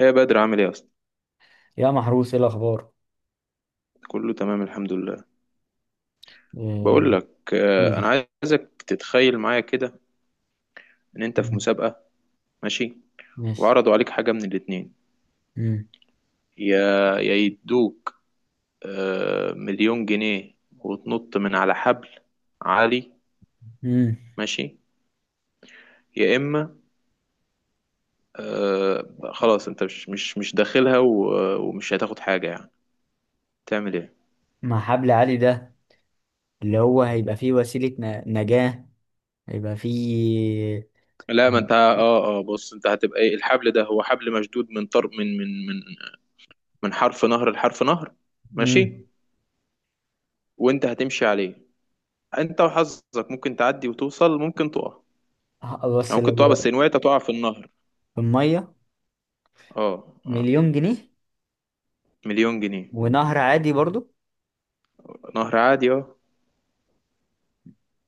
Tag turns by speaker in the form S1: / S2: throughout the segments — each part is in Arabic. S1: ايه يا بدر عامل ايه اصلا.
S2: يا محروس، ايه الاخبار؟
S1: كله تمام الحمد لله.
S2: إيه،
S1: بقول لك
S2: قول
S1: انا
S2: لي.
S1: عايزك تتخيل معايا كده ان انت في
S2: مم،
S1: مسابقة. ماشي.
S2: ماشي.
S1: وعرضوا عليك حاجة من الاتنين،
S2: مم،
S1: يا يا يدوك مليون جنيه وتنط من على حبل عالي.
S2: مم.
S1: ماشي. يا اما آه، خلاص انت مش داخلها ومش هتاخد حاجة يعني، تعمل ايه؟
S2: مع حبل عالي ده، اللي هو هيبقى فيه وسيلة نجاة، هيبقى فيه.
S1: لا، ما انت اه بص، انت هتبقى ايه؟ الحبل ده هو حبل مشدود من طرف من من حرف نهر لحرف نهر.
S2: مم.
S1: ماشي. وانت هتمشي عليه، انت وحظك ممكن تعدي وتوصل، ممكن تقع. يعني
S2: بس
S1: ممكن تقع،
S2: لو
S1: بس ان وقعت تقع في النهر.
S2: المية
S1: اه. اه.
S2: مليون جنيه،
S1: مليون جنيه.
S2: ونهر عادي برضو.
S1: نهر عادي، اه.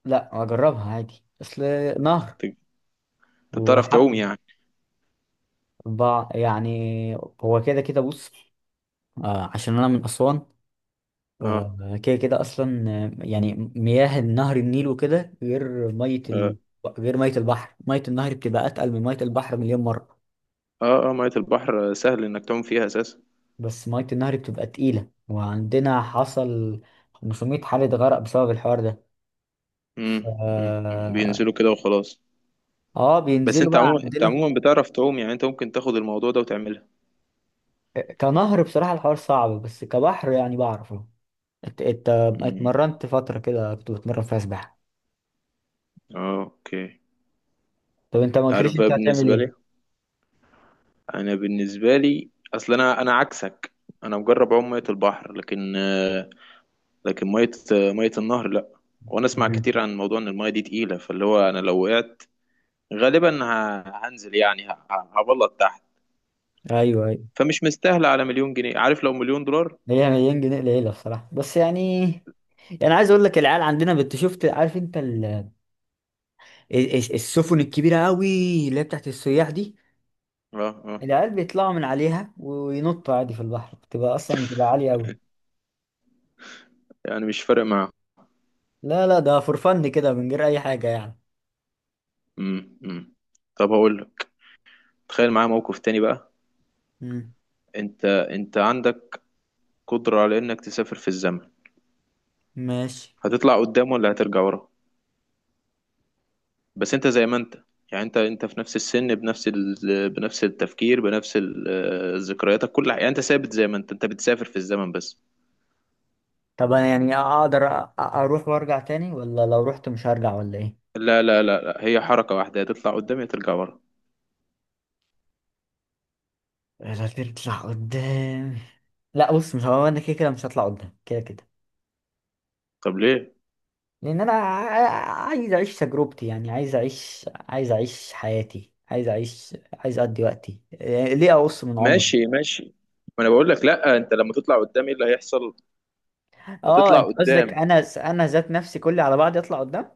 S2: لا، اجربها عادي. اصل نهر
S1: ت- انت بتعرف
S2: وحبل،
S1: تعوم يعني؟
S2: يعني هو كده كده. بص، عشان انا من اسوان،
S1: اه.
S2: فكده كده اصلا يعني. مياه نهر النيل وكده غير ميه
S1: اه
S2: غير ميه البحر. ميه النهر بتبقى اتقل من ميه البحر مليون مره.
S1: اه مية البحر سهل انك تعوم فيها اساسا.
S2: بس ميه النهر بتبقى تقيله، وعندنا حصل 500 حالة غرق بسبب الحوار ده. ف...
S1: مم، مم، مم.
S2: اه
S1: بينزلوا كده وخلاص. بس
S2: بينزلوا
S1: انت
S2: بقى
S1: عموما، انت
S2: عندنا.
S1: عموما بتعرف تعوم يعني، انت ممكن تاخد الموضوع ده وتعملها.
S2: كنهر بصراحة الحوار صعب، بس كبحر يعني بعرفه. انت
S1: مم.
S2: اتمرنت فترة كده، كنت بتمرن فيها سباحة؟
S1: اه، اوكي.
S2: طب انت ما قلتليش
S1: عارف
S2: انت
S1: بقى،
S2: هتعمل
S1: بالنسبة
S2: ايه.
S1: لي انا، بالنسبة لي اصل انا عكسك. انا مجرب اعوم مية البحر لكن لكن ميه النهر لا. وانا اسمع
S2: مم.
S1: كتير عن موضوع ان الميه دي تقيله، فاللي هو انا لو وقعت غالبا هنزل يعني، هبلط تحت.
S2: ايوه،
S1: فمش مستاهله على مليون جنيه، عارف؟ لو مليون دولار.
S2: هي مليون جنيه قليله بصراحه، بس يعني، يعني عايز اقول لك، العيال عندنا شفت، عارف انت السفن الكبيره قوي، اللي هي بتاعت السياح دي،
S1: اه. اه.
S2: العيال بيطلعوا من عليها وينطوا عادي في البحر، بتبقى اصلا بتبقى عاليه قوي.
S1: يعني مش فارق معاه.
S2: لا لا، ده فور فن كده، من غير اي حاجه يعني.
S1: امم. أمم. طب هقول لك، تخيل معايا موقف تاني بقى.
S2: امم،
S1: انت عندك قدره على انك تسافر في الزمن،
S2: ماشي.
S1: هتطلع قدام ولا هترجع ورا؟ بس انت زي ما انت، يعني انت في نفس السن، بنفس ال... بنفس التفكير، بنفس ذكرياتك، كل حاجه. يعني انت ثابت زي ما انت، انت بتسافر في الزمن بس.
S2: طب انا يعني اقدر اروح وارجع تاني، ولا لو رحت مش هرجع ولا ايه؟
S1: لا لا لا لا، هي حركه واحده، يا تطلع قدام يا ترجع ورا.
S2: لا، تطلع قدام. لا بص، مش هو انا كده كده مش هطلع قدام كده كده.
S1: طب ليه؟
S2: لان انا عايز اعيش تجربتي، يعني عايز اعيش، حياتي، عايز اقضي وقتي. ليه اقص من عمري؟
S1: ماشي، ماشي. ما انا بقول لك، لا، انت لما تطلع قدام ايه اللي هيحصل؟
S2: اه،
S1: هتطلع
S2: انت قصدك
S1: قدام.
S2: انا ذات نفسي كلي على بعض يطلع قدام؟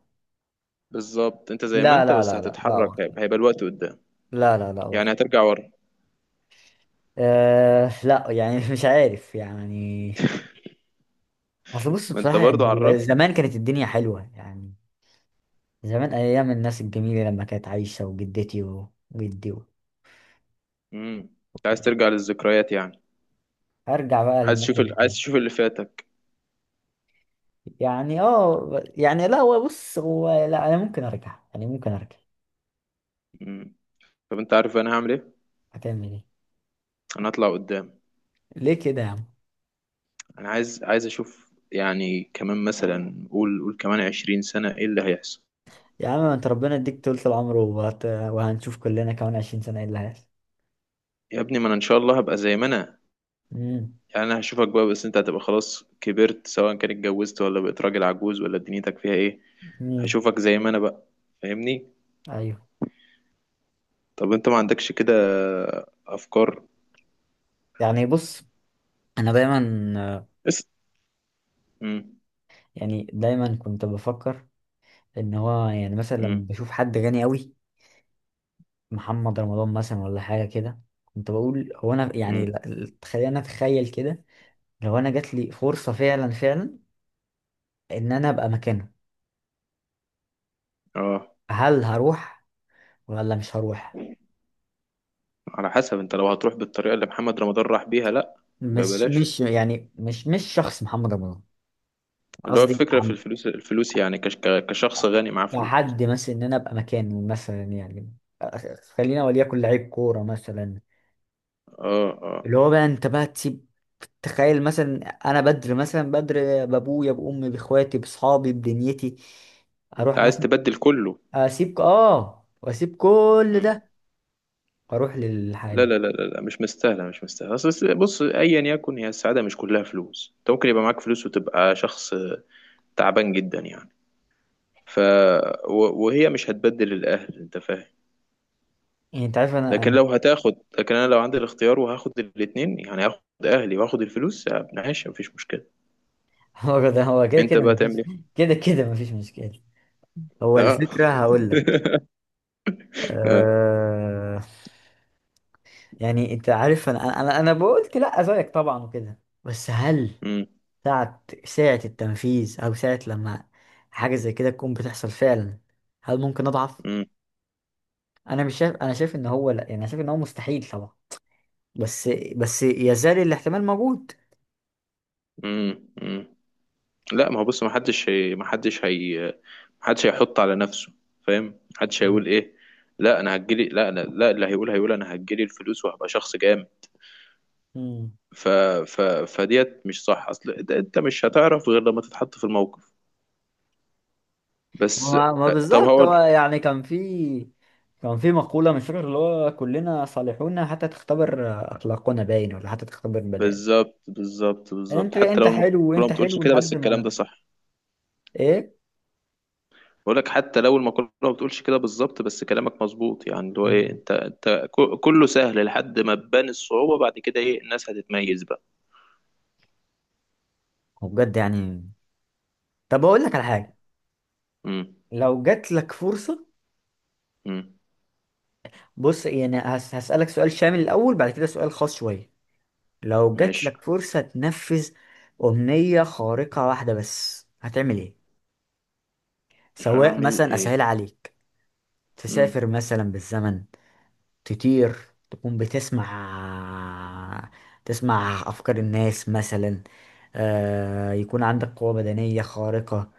S1: بالظبط انت زي ما
S2: لا
S1: انت،
S2: لا
S1: بس
S2: لا لا لا
S1: هتتحرك،
S2: برضه.
S1: هيبقى الوقت قدام.
S2: لا لا لا
S1: يعني
S2: برضه.
S1: هترجع ورا.
S2: أه لا يعني مش عارف يعني. اصل بص،
S1: ما انت
S2: بصراحة
S1: برضو
S2: يعني هو
S1: عرفني.
S2: زمان كانت الدنيا حلوة يعني. زمان ايام الناس الجميلة، لما كانت عايشة وجدتي وجدي
S1: امم. انت عايز ترجع للذكريات يعني؟
S2: ارجع بقى
S1: عايز
S2: للناس.
S1: تشوف ال... عايز تشوف اللي فاتك.
S2: يعني اه، يعني لا، هو بص، هو لا، انا ممكن ارجع، يعني ممكن ارجع.
S1: امم. طب انت عارف انا هعمل ايه؟
S2: هتعمل ايه؟
S1: انا هطلع قدام.
S2: ليه كده يا عم؟
S1: انا عايز اشوف يعني، كمان مثلا، قول كمان 20 سنة ايه اللي هيحصل.
S2: يا عم، ما انت ربنا يديك طولة العمر، وهنشوف كلنا كمان 20 سنة ايه اللي هيحصل.
S1: يا ابني، ما انا ان شاء الله هبقى زي ما انا،
S2: امم.
S1: يعني انا هشوفك بقى، بس انت هتبقى خلاص كبرت، سواء كان اتجوزت ولا بقيت راجل عجوز ولا دنيتك فيها ايه.
S2: امم.
S1: هشوفك زي ما انا بقى. فاهمني؟
S2: ايوه،
S1: طب انت ما عندكش كده افكار؟
S2: يعني بص، انا دايما،
S1: اس امم.
S2: يعني دايما كنت بفكر ان هو يعني، مثلا لما
S1: امم.
S2: بشوف حد غني قوي، محمد رمضان مثلا ولا حاجة كده، كنت بقول هو انا يعني،
S1: امم.
S2: خلينا اتخيل كده، لو انا جات لي فرصة فعلا فعلا، ان انا ابقى مكانه،
S1: اه،
S2: هل هروح ولا مش هروح؟
S1: على حسب. انت لو هتروح بالطريقة اللي محمد رمضان راح بيها، لا.
S2: مش
S1: ببلاش.
S2: مش يعني مش شخص محمد رمضان،
S1: اللي هو
S2: قصدي
S1: الفكرة في
S2: عم،
S1: الفلوس، الفلوس يعني، كشخص غني معاه فلوس.
S2: كحد مثلا، ان انا ابقى مكانه مثلا يعني. خلينا وليكن لعيب كوره مثلا،
S1: اه، اه.
S2: اللي هو بقى انت بقى تسيب، تخيل مثلا انا بدر، مثلا بدر بابويا بامي باخواتي باصحابي بدنيتي،
S1: انت
S2: اروح
S1: عايز
S2: مثلا،
S1: تبدل كله؟
S2: اسيب، واسيب كل
S1: مم.
S2: ده، واروح
S1: لا
S2: للحادي.
S1: لا لا لا لا، مش مستاهله، مش مستاهله. اصل بص، ايا يكن، هي السعاده مش كلها فلوس، انت ممكن يبقى معاك فلوس وتبقى شخص تعبان جدا يعني. ف، وهي مش هتبدل الاهل، انت فاهم؟
S2: يعني انت عارف، انا
S1: لكن
S2: انا
S1: لو هتاخد، لكن انا لو عندي الاختيار وهاخد الاثنين، يعني هاخد اهلي واخد الفلوس ماشي، مفيش مشكله.
S2: هو ده، هو كده
S1: انت
S2: كده
S1: بقى تعمل
S2: مفيش،
S1: ايه؟
S2: كده كده مفيش مشكله، هو
S1: اه.
S2: الفكره، هقول لك.
S1: آه.
S2: آه يعني انت عارف، انا بقولت لا زيك طبعا وكده، بس هل
S1: مم.
S2: ساعة، التنفيذ، او ساعة لما حاجة زي كده تكون بتحصل فعلا، هل ممكن اضعف؟
S1: مم.
S2: انا مش شايف، انا شايف ان هو لا، يعني انا شايف ان هو مستحيل طبعا، بس يزال الاحتمال موجود.
S1: مم. مم. لا، ما هو بص، ما حدش هيحط على نفسه. فاهم؟ ما حدش هيقول ايه، لا انا هجيلي لا أنا لا اللي هيقول هيقول انا هجيلي الفلوس وهبقى شخص جامد.
S2: مم.
S1: ف، ف، فديت. مش صح؟ اصل ده انت مش هتعرف غير لما تتحط في الموقف. بس.
S2: ما
S1: طب
S2: بالظبط. هو
S1: هقول.
S2: يعني كان في، كان في مقولة مش فاكر، اللي هو كلنا صالحون حتى تختبر أخلاقنا، باين ولا حتى تختبر.
S1: بالظبط، بالظبط، بالظبط.
S2: انت
S1: حتى
S2: انت
S1: لو المقولة
S2: حلو،
S1: ما
S2: وانت
S1: بتقولش
S2: حلو
S1: كده، بس
S2: لحد
S1: الكلام
S2: ما.
S1: ده صح.
S2: ايه.
S1: بقول لك، حتى لو المقولة ما بتقولش كده بالظبط، بس كلامك مظبوط. يعني اللي هو ايه، انت انت كله سهل لحد ما تبان الصعوبة، بعد كده ايه، الناس هتتميز بقى.
S2: وبجد يعني، طب اقول لك على حاجه،
S1: امم.
S2: لو جات لك فرصه.
S1: مم.
S2: بص يعني، هسالك سؤال شامل الاول، بعد كده سؤال خاص شويه. لو جات لك
S1: ماشي.
S2: فرصه تنفذ امنيه خارقه واحده بس، هتعمل ايه؟ سواء
S1: هعمل
S2: مثلا،
S1: ايه؟
S2: اسهل عليك،
S1: مم.
S2: تسافر مثلا بالزمن، تطير، تكون بتسمع، تسمع افكار الناس مثلا، يكون عندك قوه بدنيه خارقه،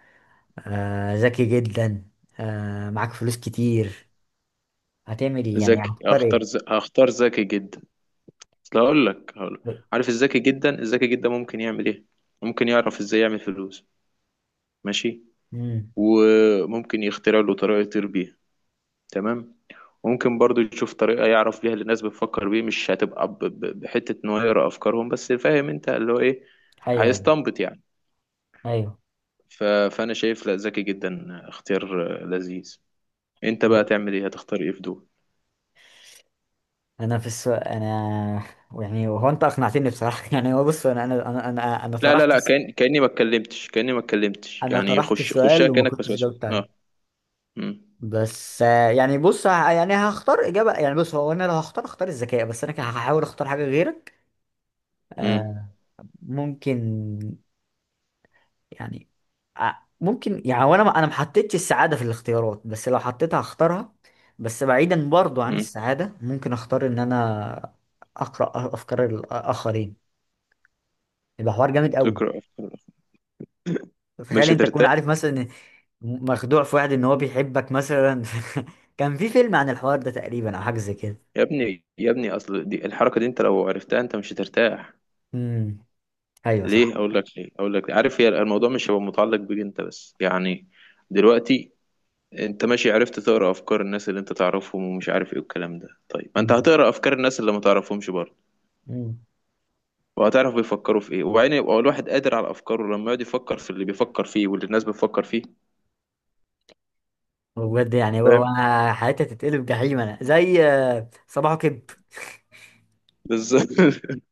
S2: ذكي جدا، معاك فلوس كتير، هتعمل ايه، يعني
S1: ذكي.
S2: هتختار
S1: هختار
S2: ايه؟
S1: هختار ذكي جدا. اصل هقول لك، عارف الذكي جدا، الذكي جدا ممكن يعمل ايه؟ ممكن يعرف ازاي يعمل فلوس. ماشي.
S2: امم.
S1: وممكن يخترع له طريقة يطير بيها. تمام. ممكن برضو يشوف طريقة يعرف بيها اللي الناس بتفكر بيه، مش هتبقى ب... ب... بحتة ان هو يقرا افكارهم بس، فاهم انت اللي هو ايه،
S2: ايوه ايوه
S1: هيستنبط يعني.
S2: ايوه.
S1: فانا شايف لا، ذكي جدا اختيار لذيذ. انت بقى
S2: هو-
S1: تعمل ايه؟ هتختار ايه في دول؟
S2: انا في السؤال، انا يعني هو انت اقنعتني بصراحه يعني هو بص، انا انا انا انا أنا
S1: لا لا
S2: طرحت
S1: لا، كأن، كأني ما اتكلمتش
S2: انا
S1: يعني،
S2: طرحت
S1: خشها
S2: السؤال وما
S1: كأنك، بس
S2: كنتش
S1: بس
S2: جاوبت عليه.
S1: اه. امم.
S2: بس يعني بص، يعني هختار اجابه. يعني بص، هو انا لو هختار، اختار الذكاء، بس انا كده هحاول اختار حاجه غيرك.
S1: امم.
S2: آه ممكن يعني، ع- ممكن يعني، وانا ما انا ما حطيتش السعاده في الاختيارات، بس لو حطيتها هختارها. بس بعيدا برضو عن
S1: امم.
S2: السعاده، ممكن اختار ان انا اقرا افكار الاخرين، يبقى حوار جامد قوي.
S1: تقرأ أفكار.
S2: تخيل
S1: مش
S2: انت تكون
S1: هترتاح.
S2: عارف مثلا إن مخدوع في واحد ان هو بيحبك مثلا. كان في فيلم عن الحوار ده تقريبا، او حاجه زي كده.
S1: يا ابني، يا ابني، اصل دي الحركة دي انت لو عرفتها انت مش هترتاح.
S2: امم. ايوه
S1: ليه؟
S2: صح.
S1: اقول لك ليه، اقول لك ليه. عارف، هي الموضوع مش هيبقى متعلق بيك انت بس يعني. دلوقتي انت ماشي عرفت تقرأ افكار الناس اللي انت تعرفهم ومش عارف ايه والكلام ده، طيب ما انت
S2: امم.
S1: هتقرأ افكار الناس اللي ما تعرفهمش برضه.
S2: امم.
S1: وهتعرف بيفكروا في ايه، وبعدين يبقى الواحد قادر على افكاره لما يقعد يفكر في اللي بيفكر فيه واللي الناس بتفكر فيه.
S2: بجد يعني هو
S1: فاهم؟
S2: هو، حياتي هتتقلب جحيم. انا زي صباحو كده.
S1: بالظبط.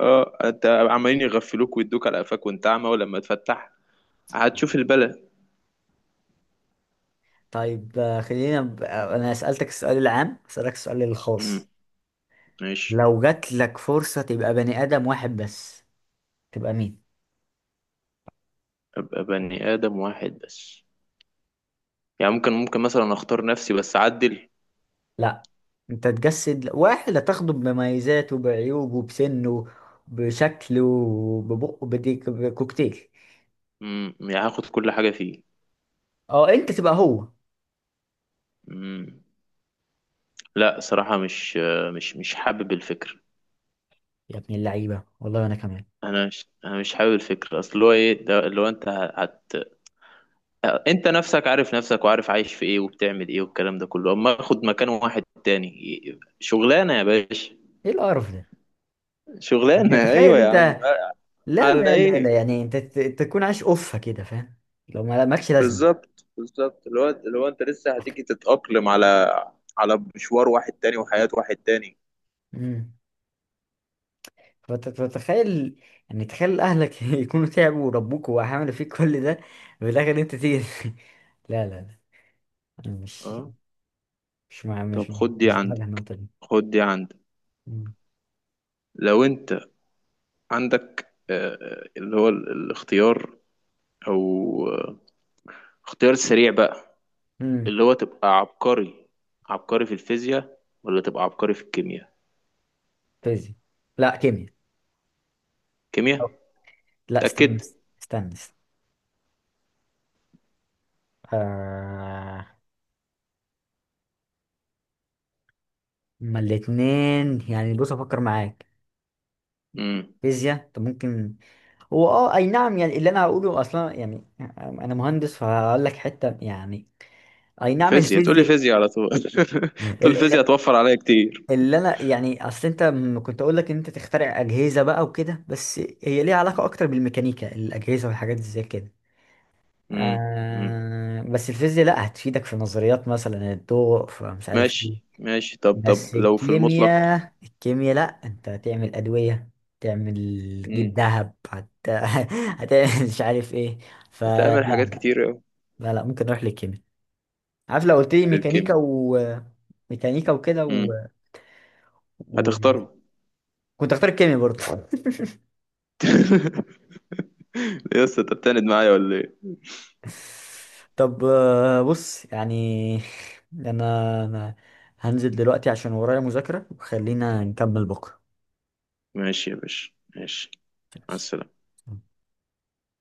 S1: اه، انت عمالين يغفلوك ويدوك على قفاك وانت اعمى، ولما تفتح هتشوف البلا.
S2: طيب، خلينا ب... آه، انا سألتك السؤال العام، هسألك السؤال الخاص.
S1: امم. ماشي.
S2: لو جات لك فرصة تبقى بني آدم واحد بس، تبقى مين؟
S1: ابقى بني ادم واحد بس؟ يعني ممكن، ممكن مثلا اختار نفسي بس اعدل؟
S2: لا، انت تجسد واحد هتاخده بمميزاته بعيوبه بسنه بشكله، ببقه بديك بكوكتيل.
S1: امم. يعني هاخد كل حاجه فيه؟
S2: اه، انت تبقى هو.
S1: امم. لا صراحه، مش، مش حابب الفكر.
S2: يا ابن اللعيبة، والله انا كمان.
S1: انا مش حابب الفكر. اصل هو ايه ده؟ اللي هو انت هت، انت نفسك عارف نفسك وعارف عايش في ايه وبتعمل ايه والكلام ده كله، اما اخد مكان واحد تاني، شغلانه يا باشا.
S2: ايه القرف ده؟
S1: شغلانه،
S2: يعني تخيل
S1: ايوه يا
S2: انت،
S1: عم.
S2: لا
S1: على
S2: لا لا لا،
S1: ايه؟
S2: يعني انت تكون عايش اوفة كده، فاهم؟ لو ما مالكش لازمة.
S1: بالظبط، بالظبط. اللي هو، اللي هو انت لسه هتيجي تتاقلم على، على مشوار واحد تاني وحياه واحد تاني.
S2: مم. فتتخيل، يعني تخيل اهلك يكونوا تعبوا وربوك وعملوا فيك كل ده، وفي الاخر انت تيجي. لا لا لا، أنا مش،
S1: اه.
S2: مش مع،
S1: طب
S2: مش،
S1: خد دي
S2: مش مع
S1: عندك،
S2: النقطة دي.
S1: خد دي عندك.
S2: مم.
S1: لو انت عندك اللي هو الاختيار، او آه، اختيار سريع بقى،
S2: مم.
S1: اللي هو تبقى عبقري، عبقري في الفيزياء ولا تبقى عبقري في الكيمياء؟
S2: فيزياء. لا، كيمياء. أو-
S1: كيمياء.
S2: لا استنى،
S1: تأكد.
S2: استنى استنى. آه... ما الاتنين يعني، بص افكر معاك.
S1: امم.
S2: فيزياء طب ممكن، هو اي نعم، يعني اللي انا هقوله اصلا يعني، انا مهندس فهقول لك حته يعني، اي نعم،
S1: فيزياء. تقول لي
S2: الفيزياء.
S1: فيزياء على طول؟ تقول لي فيزياء هتوفر عليا كتير.
S2: اللي انا يعني، اصل انت كنت اقول لك ان انت تخترع اجهزه بقى وكده، بس هي ليها علاقه اكتر بالميكانيكا، الاجهزه والحاجات زي كده.
S1: مم. مم.
S2: بس الفيزياء لا، هتفيدك في نظريات مثلا الضوء، فمش عارف ايه.
S1: ماشي، ماشي. طب،
S2: بس
S1: طب لو في المطلق.
S2: الكيمياء، الكيمياء لا، انت هتعمل ادويه، تعمل،
S1: مم.
S2: تجيب ذهب، هتعمل مش عارف ايه. فلا
S1: هتعمل حاجات
S2: لا،
S1: كتير أوي.
S2: لا لا، ممكن اروح للكيمياء. عارف، لو قلت لي ميكانيكا
S1: للكيمياء.
S2: و ميكانيكا وكده
S1: مم.
S2: و...
S1: هتختارهم؟
S2: كنت اختار الكيمياء برضه.
S1: ليه يا اسطى، انت بتعند معايا ولا ايه؟
S2: طب، بص يعني، أنا هنزل دلوقتي عشان ورايا مذاكرة، وخلينا نكمل بكرة.
S1: ماشي يا باشا، ماشي. مع
S2: ماشي.
S1: السلامة.